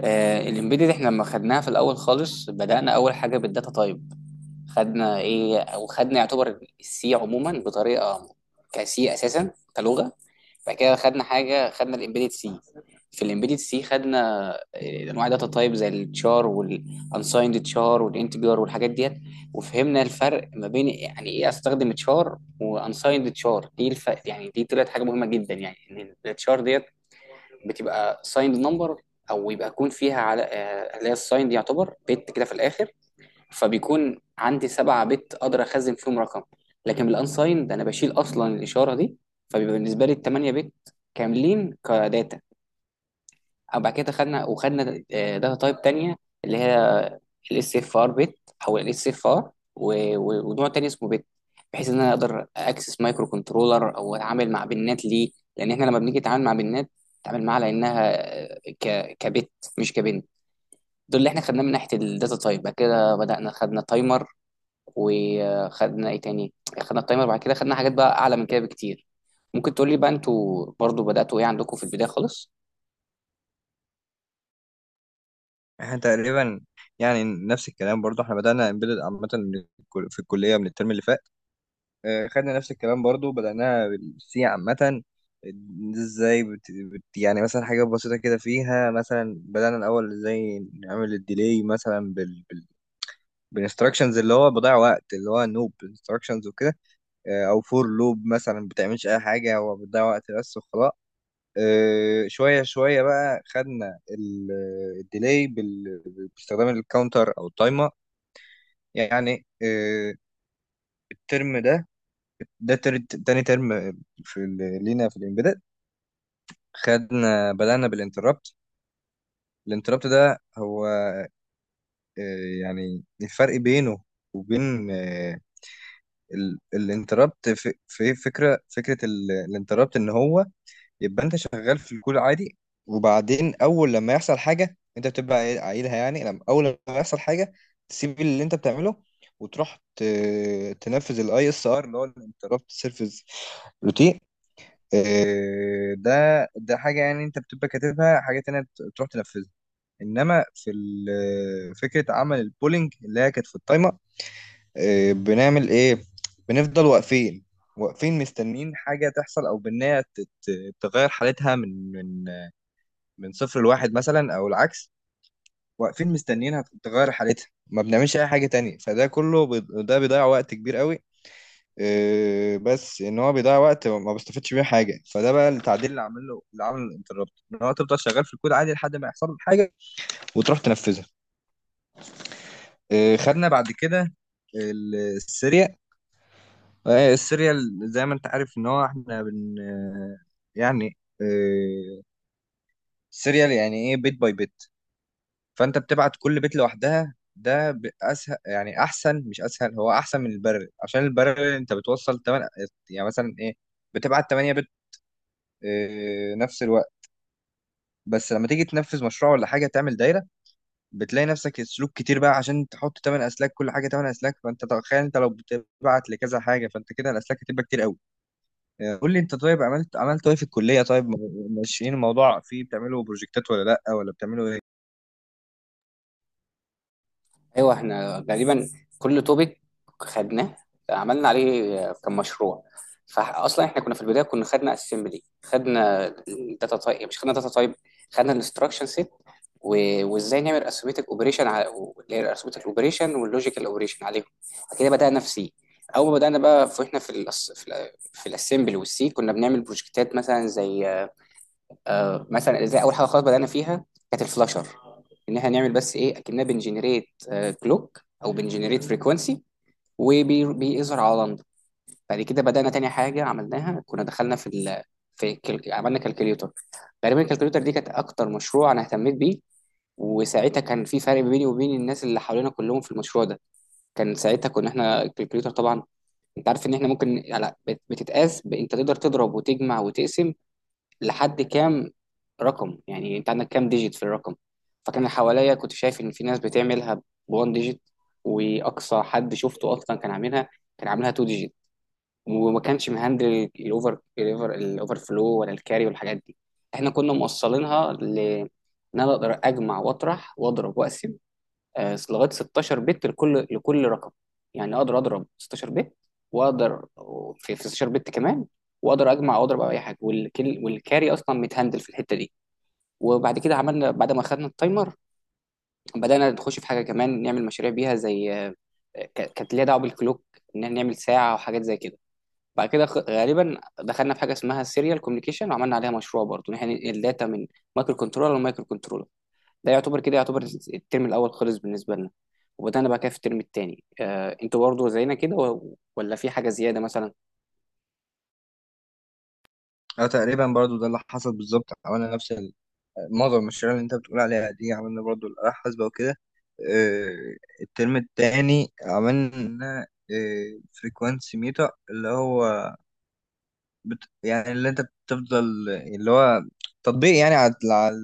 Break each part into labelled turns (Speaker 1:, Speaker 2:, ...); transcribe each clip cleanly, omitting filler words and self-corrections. Speaker 1: الامبيدد، احنا لما خدناها في الاول خالص بدأنا اول حاجه بالداتا تايب. خدنا ايه او خدنا يعتبر السي عموما بطريقه كسي اساسا كلغه. بعد كده خدنا حاجه، خدنا الامبيدد سي. في الامبيدد سي خدنا انواع داتا تايب زي التشار والانسايند تشار والانتجر والحاجات ديت. وفهمنا الفرق ما بين يعني ايه استخدم تشار وانسايند تشار. يعني دي طلعت حاجه مهمه جدا، يعني ان التشار ديت بتبقى سايند نمبر، او يبقى يكون فيها على اللي هي السايند، يعتبر بت كده في الاخر. فبيكون عندي سبعة بت اقدر اخزن فيهم رقم، لكن بالانسايند انا بشيل اصلا الاشاره دي، فبيبقى بالنسبه لي الثمانية بت كاملين كداتا. وبعد كده خدنا داتا تايب تانية، اللي هي الاس اف ار بت، او الاس اف ار ونوع تاني اسمه بت، بحيث ان انا اقدر اكسس مايكرو كنترولر او اتعامل مع بنات ليه. لان احنا لما بنيجي نتعامل مع بنات، نتعامل معاها لانها آه، ك كبت، مش كبنت. دول اللي احنا خدناه من ناحيه الداتا تايب. بعد كده بدانا خدنا تايمر، وخدنا ايه تاني، خدنا التايمر. بعد كده خدنا حاجات بقى اعلى من كده بكتير. ممكن تقول لي بقى انتوا برضو بداتوا ايه عندكم في البدايه خالص؟
Speaker 2: احنا تقريبا، يعني نفس الكلام، برضو احنا بدأنا امبيدد عامة من في الكلية من الترم اللي فات. خدنا نفس الكلام برضو، بدأناها بالسي عامة. ازاي يعني مثلا حاجة بسيطة كده، فيها مثلا بدأنا الأول ازاي نعمل الديلي، مثلا بالانستراكشنز اللي هو بضيع وقت، اللي هو نوب انستراكشنز وكده. او فور لوب مثلا بتعملش اي حاجة، هو بتضيع وقت بس وخلاص. شوية شوية بقى خدنا الديلي باستخدام الكاونتر أو التايمر. يعني، الترم ده، ده تاني ترم في لينا في الإمبيدد، خدنا بدأنا بالانتربت. الانتربت ده هو، يعني الفرق بينه وبين الانتربت، في فكرة الانتربت إن هو يبقى انت شغال في الكول عادي، وبعدين اول لما يحصل حاجه انت بتبقى عايلها، يعني اول لما يحصل حاجه تسيب اللي انت بتعمله وتروح تنفذ الاي اس ار، اللي هو الانتربت سيرفيس روتين. آه، ده ده حاجه، يعني انت بتبقى كاتبها حاجه تانية تروح تنفذها. انما فكره عمل البولينج، اللي هي كانت في التايمر. بنعمل ايه؟ بنفضل واقفين، واقفين مستنيين حاجه تحصل، او بنها تغير حالتها من صفر لواحد مثلا او العكس. واقفين مستنيينها تغير حالتها، ما بنعملش اي حاجه تانية، فده كله ده بيضيع وقت كبير قوي. إيه، بس ان هو بيضيع وقت ما بستفدش بيه حاجه. فده بقى التعديل اللي عامل له، اللي عامل الانتربت ان هو تفضل شغال في الكود عادي لحد ما يحصل لك حاجه وتروح تنفذها. إيه، خدنا بعد كده السيريال. السيريال زي ما انت عارف ان هو احنا بن، يعني، السيريال يعني ايه؟ بيت باي بيت، فانت بتبعت كل بيت لوحدها. ده اسهل، يعني احسن، مش اسهل، هو احسن من البرر، عشان البرر انت بتوصل 8، يعني مثلا ايه، بتبعت 8 بت نفس الوقت. بس لما تيجي تنفذ مشروع ولا حاجه تعمل دايره، بتلاقي نفسك السلوك كتير بقى، عشان تحط 8 اسلاك، كل حاجه 8 اسلاك. فانت تخيل انت لو بتبعت لكذا حاجه، فانت كده الاسلاك هتبقى كتير قوي. قول لي انت، طيب، عملت ايه في الكليه؟ طيب ماشيين الموضوع، فيه بتعملوا بروجكتات ولا لا، ولا بتعملوا ايه؟
Speaker 1: ايوه، احنا غالبا كل توبيك خدناه عملنا عليه كمشروع. فاصلا احنا كنا في البدايه كنا خدنا اسمبلي، خدنا الداتا تايب مش خدنا داتا تايب، خدنا الانستراكشن سيت، وازاي نعمل اسيمتك اوبريشن على اسيمتك اوبريشن واللوجيكال اوبريشن عليهم. بعد كده بدانا في سي. اول ما بدانا بقى، فاحنا في الاسمبلي والسي كنا بنعمل بروجكتات مثلا زي، آه مثلا ازاي، اول حاجه خالص بدانا فيها كانت الفلاشر، ان احنا نعمل بس ايه اكننا بنجنريت كلوك او بنجنريت فريكونسي وبيظهر على لندن. بعد كده بدانا تاني حاجه عملناها كنا دخلنا في ال... في كل... عملنا كالكوليوتر. تقريبا الكالكوليوتر دي كانت اكتر مشروع انا اهتميت بيه، وساعتها كان في فرق بيني وبين الناس اللي حوالينا كلهم في المشروع ده. كان ساعتها كنا احنا الكالكوليوتر طبعا، انت عارف ان احنا ممكن على بتتقاس انت تقدر تضرب وتجمع وتقسم لحد كام رقم، يعني انت عندك كام ديجيت في الرقم. فكان اللي حواليا كنت شايف ان في ناس بتعملها بوان ديجيت، واقصى حد شفته اصلا كان عاملها، كان عاملها تو ديجيت، وما كانش مهندل الاوفر فلو ولا الكاري والحاجات دي. احنا كنا موصلينها ل ان انا اقدر اجمع واطرح واضرب واقسم لغايه 16 بت لكل رقم. يعني اقدر اضرب 16 بت واقدر في 16 بت كمان، واقدر اجمع واضرب او اي حاجه، والكل والكاري اصلا متهندل في الحته دي. وبعد كده عملنا، بعد ما خدنا التايمر بدانا نخش في حاجه كمان نعمل مشاريع بيها زي، كانت ليها دعوه بالكلوك، ان نعمل ساعه وحاجات زي كده. بعد كده غالبا دخلنا في حاجه اسمها السيريال كوميونيكيشن وعملنا عليها مشروع برضه، ان احنا ننقل داتا من مايكرو كنترولر لمايكرو كنترولر. ده يعتبر كده يعتبر الترم الاول خلص بالنسبه لنا. وبدانا بقى كده في الترم التاني، آه انتوا برضو زينا كده ولا في حاجه زياده مثلا؟
Speaker 2: اه، تقريبا برضو ده اللي حصل بالظبط، عملنا نفس معظم المشاريع اللي انت بتقول عليها دي، عملنا برضو الآلة الحاسبة وكده. آه، الترم التاني عملنا فريكوانسي ميتا، اللي هو يعني اللي انت بتفضل، اللي هو تطبيق يعني على على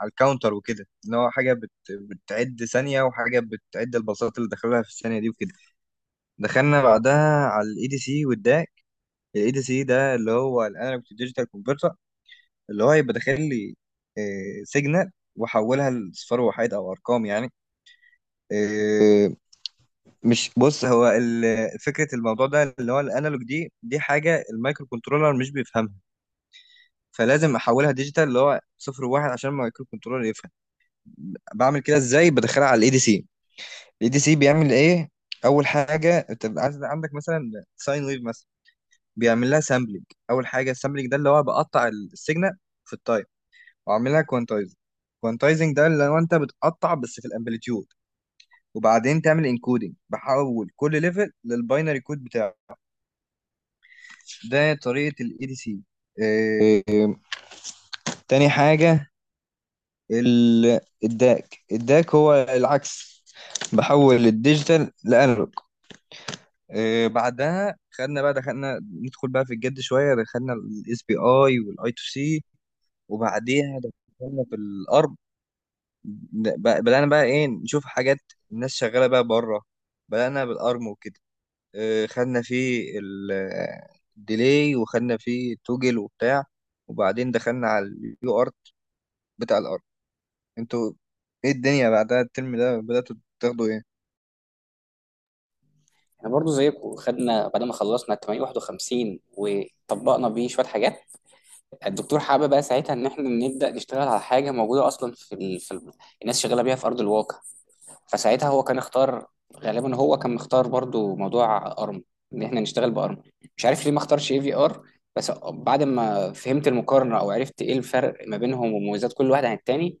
Speaker 2: على الكاونتر وكده، اللي هو حاجة بتعد ثانية، وحاجة بتعد الباصات اللي دخلها في الثانية دي وكده. دخلنا بعدها على الاي دي سي والداك. الاي دي سي ده اللي هو الانالوج تو ديجيتال، اللي هو يبقى داخل لي سيجنال واحولها لصفر وحيد او ارقام، يعني. آه، مش بص، هو فكره الموضوع ده اللي هو الانالوج دي، حاجه المايكرو كنترولر مش بيفهمها، فلازم احولها ديجيتال اللي هو صفر وواحد عشان المايكرو كنترولر يفهم. بعمل كده ازاي؟ بدخلها على الاي دي سي، الاي دي سي بيعمل ايه؟ اول حاجه انت بيبقى عندك مثلا ساين ويف مثلا، بيعمل لها سامبلنج. اول حاجه السامبلنج ده اللي هو بقطع السيجنال في التايم، واعملها كوانتايزنج. كوانتايزنج ده اللي هو انت بتقطع بس في الامبليتيود، وبعدين تعمل انكودنج، بحول كل ليفل للباينري كود بتاعه. ده طريقه الاي دي سي. تاني حاجه الداك. الداك هو العكس، بحول الديجيتال لانالوج. بعدها خدنا بقى، دخلنا ندخل بقى في الجد شويه، دخلنا الاس بي اي والاي تو سي، وبعديها دخلنا في الار، بدأنا بقى ايه، نشوف حاجات الناس شغالة بقى بره، بدأنا بالأرم وكده. خدنا فيه الديلي، وخدنا فيه التوجل وبتاع. وبعدين دخلنا على اليو ارت بتاع الارم. انتوا ايه الدنيا بعدها، الترم ده بدأتوا تاخدوا ايه؟
Speaker 1: احنا برضو زيكم خدنا بعد ما خلصنا 851 وطبقنا بيه شويه حاجات. الدكتور حابب بقى ساعتها ان احنا نبدا نشتغل على حاجه موجوده اصلا الناس شغاله بيها في ارض الواقع. فساعتها هو كان اختار، غالبا هو كان مختار برضو موضوع ارم، ان احنا نشتغل بارم. مش عارف ليه ما اختارش اي في ار، بس بعد ما فهمت المقارنه او عرفت ايه الفرق ما بينهم ومميزات كل واحد عن التاني،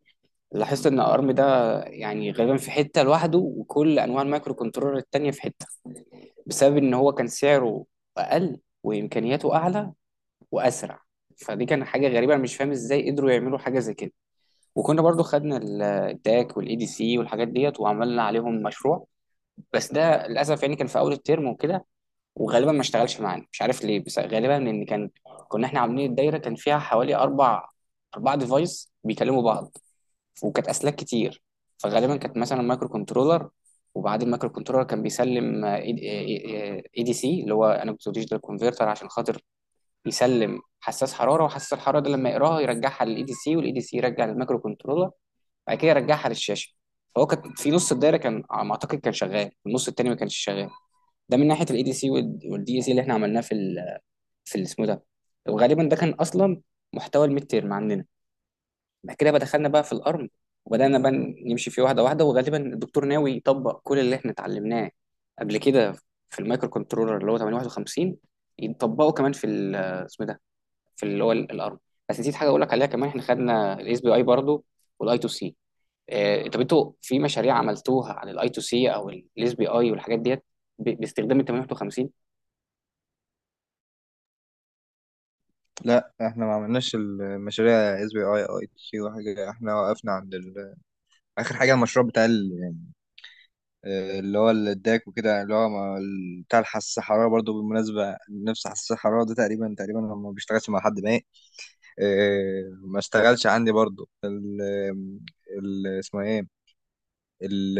Speaker 1: لاحظت ان ارم ده يعني غالبا في حته لوحده وكل انواع المايكرو كنترولر التانيه في حته، بسبب ان هو كان سعره اقل وامكانياته اعلى واسرع. فدي كان حاجه غريبه، انا مش فاهم ازاي قدروا يعملوا حاجه زي كده. وكنا برضو خدنا الداك والاي دي سي والحاجات ديت وعملنا عليهم مشروع، بس ده للاسف يعني كان في اول الترم وكده، وغالبا ما اشتغلش معانا مش عارف ليه. بس غالبا ان كان كنا احنا عاملين الدايره كان فيها حوالي اربع ديفايس بيكلموا بعض، وكانت اسلاك كتير. فغالبا كانت مثلا مايكرو كنترولر، وبعد المايكرو كنترولر كان بيسلم اي دي سي اللي هو انا كنت ديجيتال كونفرتر، عشان خاطر يسلم حساس حراره، وحساس الحراره ده لما يقراها يرجعها للاي دي سي، والاي دي سي يرجع للمايكرو كنترولر، بعد كده يرجعها للشاشه. فهو كان في نص الدايره كان على ما اعتقد كان شغال، النص التاني ما كانش شغال. ده من ناحيه الاي دي سي والدي اي سي اللي احنا عملناه اسمه ده. وغالبا ده كان اصلا محتوى الميد تيرم عندنا. بعد كده بقى دخلنا بقى في الارم، وبدانا بقى نمشي فيه واحده. وغالبا الدكتور ناوي يطبق كل اللي احنا اتعلمناه قبل كده في المايكرو كنترولر اللي هو 851، يطبقه كمان اسمه ده، في اللي هو الارم. بس نسيت حاجه اقول لك عليها كمان، احنا خدنا الاس بي اي برضه والاي تو سي. طب انتوا في مشاريع عملتوها عن الاي تو سي او الاس بي اي والحاجات ديت باستخدام ال 851؟
Speaker 2: لا، احنا ما عملناش المشاريع اس بي اي اي تي وحاجة، احنا وقفنا عند اخر حاجة المشروع بتاع اللي هو الداك وكده، يعني اللي هو بتاع الحساس الحرارة. برضو بالمناسبة نفس حساس الحرارة ده، تقريبا تقريبا هو ما بيشتغلش مع حد، ما إيه، ما اشتغلش عندي برضو ال، اسمها ايه، ال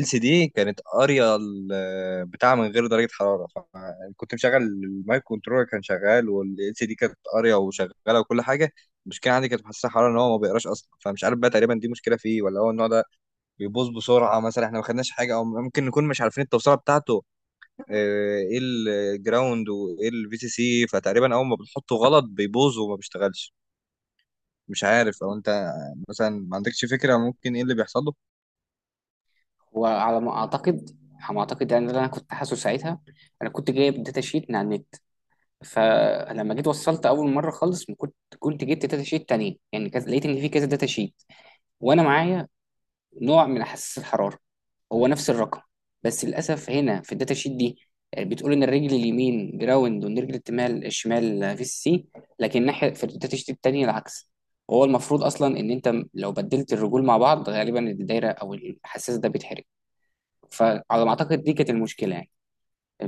Speaker 2: ال سي دي كانت قارية بتاع من غير درجة حرارة. فكنت مشغل المايك كنترولر كان شغال، وال سي دي كانت قارية وشغالة وكل حاجة. المشكلة عندي كانت في حساس الحرارة، ان هو ما بيقراش اصلا. فمش عارف بقى، تقريبا دي مشكلة فيه، ولا هو النوع ده بيبوظ بسرعه مثلا. احنا ما خدناش حاجه، او ممكن نكون مش عارفين التوصيله بتاعته، ايه الجراوند وايه الفي سي سي، فتقريبا اول ما بنحطه غلط بيبوظ وما بيشتغلش. مش عارف، او انت مثلا ما عندكش فكره ممكن ايه اللي بيحصل له؟
Speaker 1: وعلى ما اعتقد، يعني ده اللي انا كنت حاسه ساعتها. انا كنت جايب داتا شيت من على النت، فلما جيت وصلت اول مره خالص، ما كنت جبت داتا شيت تانية يعني، كذا، لقيت ان في كذا داتا شيت. وانا معايا نوع من حساس الحراره هو نفس الرقم، بس للاسف هنا في الداتا شيت دي بتقول ان الرجل اليمين جراوند والرجل الشمال، في سي. لكن ناحيه في الداتا شيت التانية العكس. هو المفروض اصلا ان انت لو بدلت الرجول مع بعض غالبا الدايره او الحساس ده بيتحرق. فعلى ما اعتقد دي كانت المشكله يعني.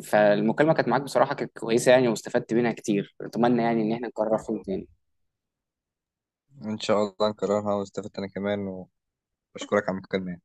Speaker 1: فالمكالمه كانت معاك بصراحه كانت كويسه يعني واستفدت منها كتير، اتمنى يعني ان احنا نكررها تاني.
Speaker 2: ان شاء الله نكررها، واستفدت انا كمان، واشكرك على المكالمه.